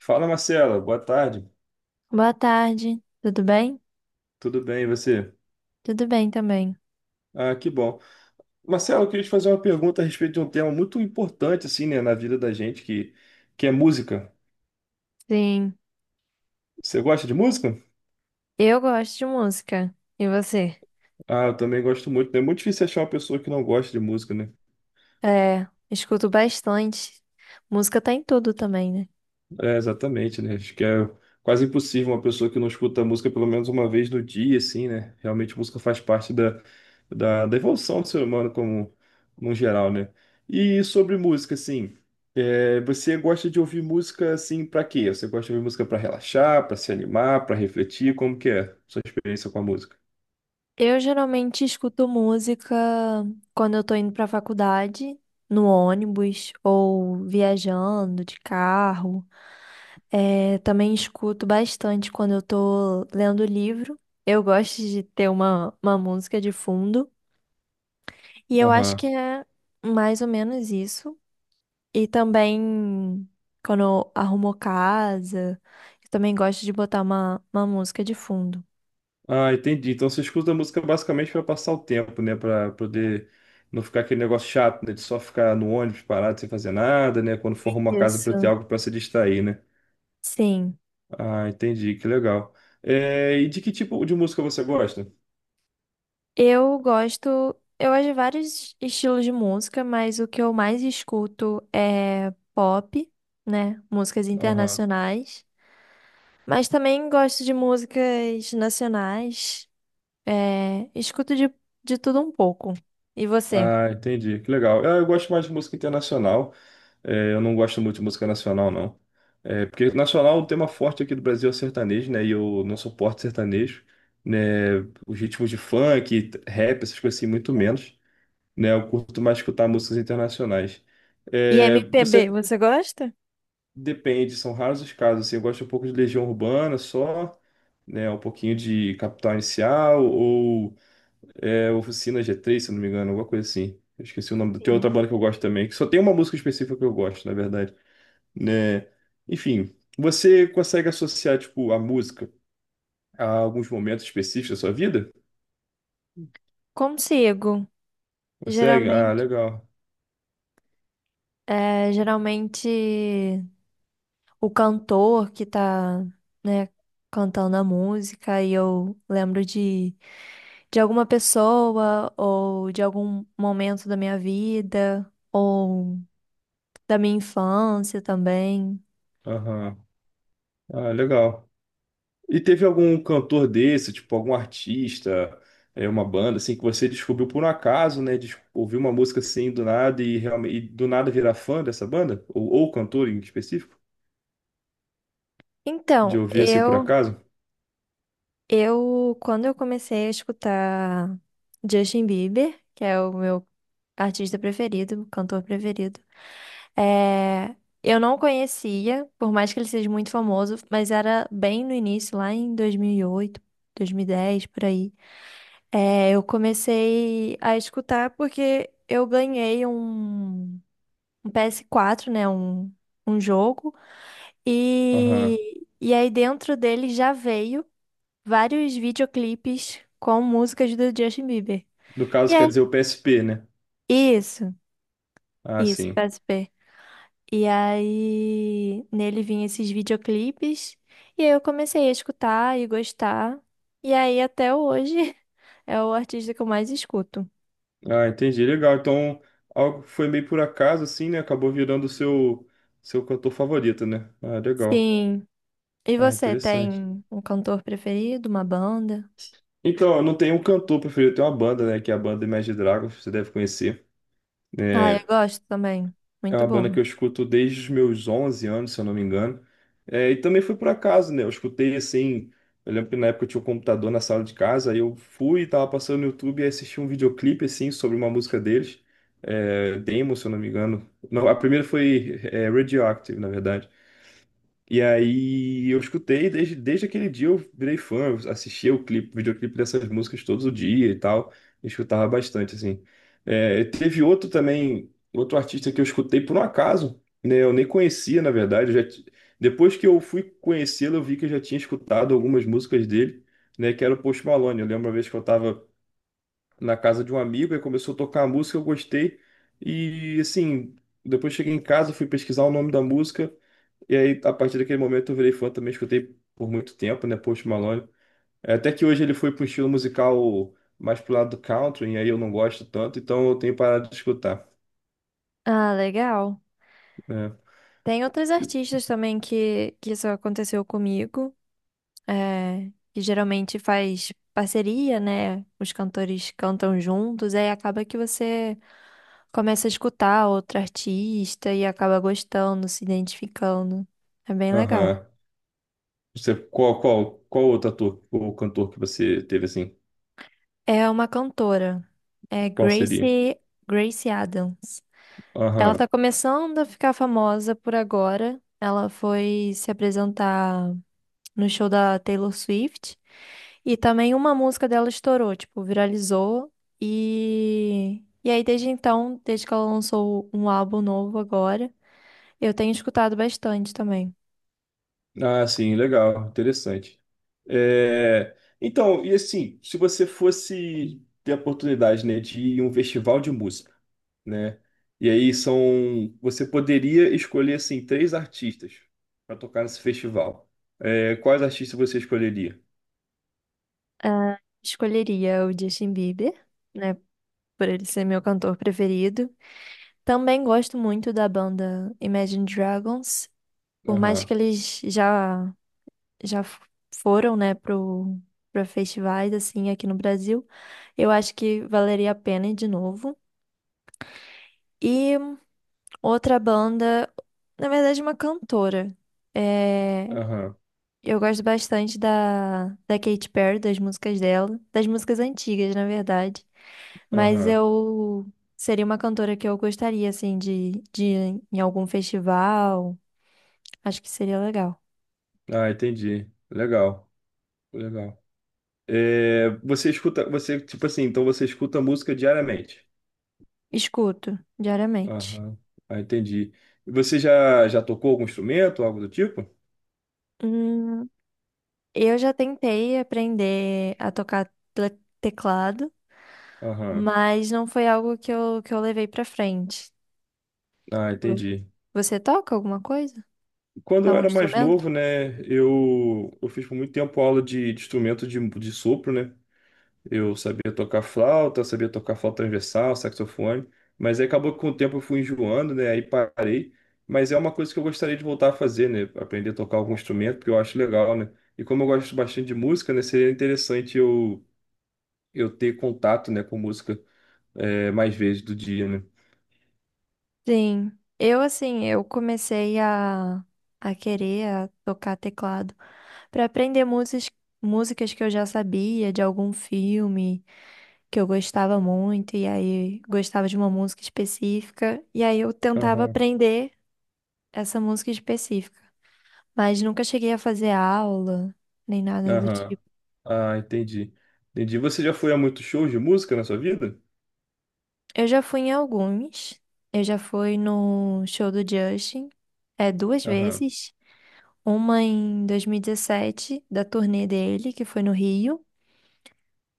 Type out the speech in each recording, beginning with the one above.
Fala, Marcela. Boa tarde. Boa tarde, tudo bem? Tudo bem, e você? Tudo bem também. Ah, que bom. Marcela, eu queria te fazer uma pergunta a respeito de um tema muito importante, assim, né, na vida da gente, que é música. Sim, Você gosta de música? eu gosto de música. E você? Ah, eu também gosto muito, né? É muito difícil achar uma pessoa que não gosta de música, né? É, escuto bastante. Música tá em tudo também, né? É, exatamente, né? Acho que é quase impossível uma pessoa que não escuta música pelo menos uma vez no dia, assim, né? Realmente a música faz parte da evolução do ser humano como no geral, né? E sobre música, assim, você gosta de ouvir música, assim, pra quê? Você gosta de ouvir música pra relaxar, pra se animar, pra refletir? Como que é a sua experiência com a música? Eu geralmente escuto música quando eu tô indo pra faculdade, no ônibus ou viajando de carro. É, também escuto bastante quando eu tô lendo livro. Eu gosto de ter uma música de fundo. E eu acho Aham. que é mais ou menos isso. E também, quando eu arrumo casa, eu também gosto de botar uma música de fundo. Ah, entendi. Então você escuta a música basicamente para passar o tempo, né? Para poder não ficar aquele negócio chato, né? De só ficar no ônibus parado sem fazer nada, né? Quando for arrumar casa para ter Isso. algo para se distrair, né? Sim. Ah, entendi. Que legal. É, e de que tipo de música você gosta? Eu gosto. Eu gosto de vários estilos de música, mas o que eu mais escuto é pop, né? Músicas Aham. internacionais. Mas também gosto de músicas nacionais. É, escuto de tudo um pouco. E você? Ah, entendi. Que legal. Ah, eu gosto mais de música internacional. É, eu não gosto muito de música nacional, não. É, porque nacional, o tema forte aqui do Brasil é o sertanejo, né? E eu não suporto sertanejo, né? Os ritmos de funk, rap, essas coisas assim, muito menos, né? Eu curto mais escutar músicas internacionais. E É, MPB, você você gosta? depende, são raros os casos, assim, eu gosto um pouco de Legião Urbana só, né? Um pouquinho de Capital Inicial ou Oficina G3, se eu não me engano, alguma coisa assim. Eu esqueci o nome. Tem Sim. outra banda que eu gosto também, que só tem uma música específica que eu gosto, na verdade, né? Enfim, você consegue associar, tipo, a música a alguns momentos específicos da sua vida? Consigo. Consegue? Ah, Geralmente. legal. É, geralmente o cantor que tá, né, cantando a música e eu lembro de alguma pessoa ou de algum momento da minha vida ou da minha infância também. Aham. Ah, legal. E teve algum cantor desse, tipo, algum artista, uma banda, assim, que você descobriu por um acaso, né? De ouvir uma música assim do nada e, realmente, e do nada virar fã dessa banda? Ou cantor em específico? De Então, ouvir assim por eu acaso? eu quando eu comecei a escutar Justin Bieber, que é o meu artista preferido, cantor preferido. É, eu não conhecia, por mais que ele seja muito famoso, mas era bem no início, lá em dois mil e oito, 2010, por aí. É, eu comecei a escutar porque eu ganhei um PS4, né? Um jogo. Aham. E aí dentro dele já veio vários videoclipes com músicas do Justin Bieber. No E caso, quer aí, dizer o PSP, né? isso, Ah, isso, sim. PSP. E aí nele vinha esses videoclipes. E aí eu comecei a escutar e gostar. E aí até hoje é o artista que eu mais escuto. Ah, entendi. Legal. Então, algo que foi meio por acaso, assim, né? Acabou virando o seu cantor favorito, né? Ah, legal. Sim. E Ah, você interessante. tem um cantor preferido, uma banda? Então, eu não tenho um cantor preferido, eu tenho uma banda, né? Que é a banda Imagine Dragons, você deve conhecer. Ah, eu É, gosto também. é Muito uma banda boa. que eu escuto desde os meus 11 anos, se eu não me engano. É, e também foi por acaso, né? Eu escutei assim. Eu lembro que na época eu tinha um computador na sala de casa, aí eu fui e tava passando no YouTube e assisti um videoclipe assim sobre uma música deles. É, Demo, se eu não me engano. Não, a primeira foi Radioactive, na verdade. E aí eu escutei, desde aquele dia eu virei fã, eu assistia o clipe, videoclipe dessas músicas todo dia e tal, eu escutava bastante, assim. É, teve outro também, outro artista que eu escutei por um acaso, né, eu nem conhecia, na verdade, eu já, depois que eu fui conhecê-lo, eu vi que eu já tinha escutado algumas músicas dele, né, que era o Post Malone. Eu lembro uma vez que eu tava na casa de um amigo, e começou a tocar a música, eu gostei, e assim, depois cheguei em casa, fui pesquisar o nome da música, e aí, a partir daquele momento, eu virei fã também, escutei por muito tempo, né, Post Malone. É, até que hoje ele foi para um estilo musical mais pro lado do country, e aí eu não gosto tanto, então eu tenho parado de escutar, Ah, legal. né? Tem outros E- artistas também que isso aconteceu comigo, é, que geralmente faz parceria, né? Os cantores cantam juntos, aí acaba que você começa a escutar outro artista e acaba gostando, se identificando. É bem legal. Aham. Você, qual outro ator ou cantor que você teve assim? É uma cantora. É Qual seria? Gracie Adams. Ela Aham. tá começando a ficar famosa por agora. Ela foi se apresentar no show da Taylor Swift. E também uma música dela estourou, tipo, viralizou. E aí, desde então, desde que ela lançou um álbum novo agora, eu tenho escutado bastante também. Ah, sim, legal, interessante. É, então, e assim, se você fosse ter a oportunidade, né, de ir em um festival de música, né? E aí são, você poderia escolher assim três artistas para tocar nesse festival. É, quais artistas você escolheria? Ah, escolheria o Justin Bieber, né? Por ele ser meu cantor preferido. Também gosto muito da banda Imagine Dragons, por mais Aham, que eles já foram, né, pro para festivais assim aqui no Brasil. Eu acho que valeria a pena ir de novo. E outra banda, na verdade, uma cantora. eh, aham, Eu gosto bastante da Katy Perry, das músicas dela, das músicas antigas, na verdade. Mas aham. eu seria uma cantora que eu gostaria, assim, de ir em algum festival. Acho que seria legal. Ah, entendi. Legal, legal. É, você escuta, você tipo assim, então você escuta música diariamente. Escuto diariamente. Aham, ah, entendi. E você já tocou algum instrumento, algo do tipo? Hum, eu já tentei aprender a tocar teclado, Aham. mas não foi algo que eu levei pra frente. Ah, Vo- entendi. Você toca alguma coisa? Quando eu Algum era mais instrumento? novo, né, eu fiz por muito tempo aula de instrumento de sopro, né? Eu sabia tocar flauta, eu sabia tocar flauta transversal, saxofone, mas aí acabou que com o tempo eu fui enjoando, né? Aí parei. Mas é uma coisa que eu gostaria de voltar a fazer, né? Aprender a tocar algum instrumento, porque eu acho legal, né? E como eu gosto bastante de música, né? Seria interessante eu ter contato, né, com música, mais vezes do dia, né? Sim. Eu, assim, eu comecei a querer a tocar teclado para aprender músicas, músicas que eu já sabia de algum filme que eu gostava muito, e aí gostava de uma música específica, e aí eu tentava Aham, aprender essa música específica, mas nunca cheguei a fazer aula, nem nada do aham. tipo. Ah, entendi. Entendi. Você já foi a muitos shows de música na sua vida? Eu já fui em alguns, eu já fui no show do Justin, é, duas Aham, vezes. Uma em 2017, da turnê dele, que foi no Rio.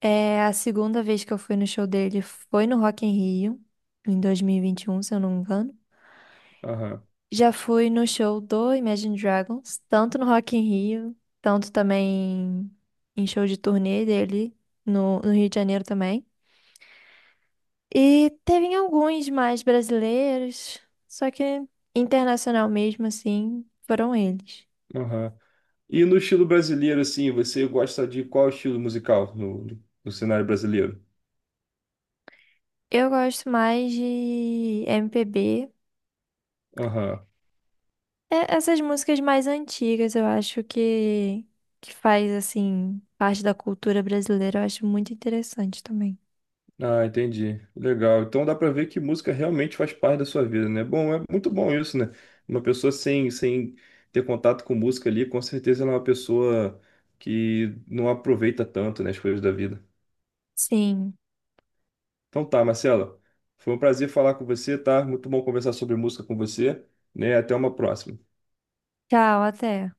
É, a segunda vez que eu fui no show dele foi no Rock in Rio, em dois mil e vinte e um, se eu não me engano. aham, Já fui no show do Imagine Dragons, tanto no Rock in Rio, tanto também em show de turnê dele no Rio de Janeiro também. E teve em alguns mais brasileiros, só que internacional mesmo assim, foram eles. aham. E no estilo brasileiro, assim, você gosta de qual estilo musical no cenário brasileiro? Eu gosto mais de MPB. Aham. É, essas músicas mais antigas, eu acho que faz, assim, parte da cultura brasileira, eu acho muito interessante também. Ah, entendi. Legal. Então dá pra ver que música realmente faz parte da sua vida, né? Bom, é muito bom isso, né? Uma pessoa sem ter contato com música ali, com certeza ela é uma pessoa que não aproveita tanto, né, as coisas da vida. Sim. Então tá, Marcela. Foi um prazer falar com você, tá? Muito bom conversar sobre música com você, né? Até uma próxima. Tchau, até.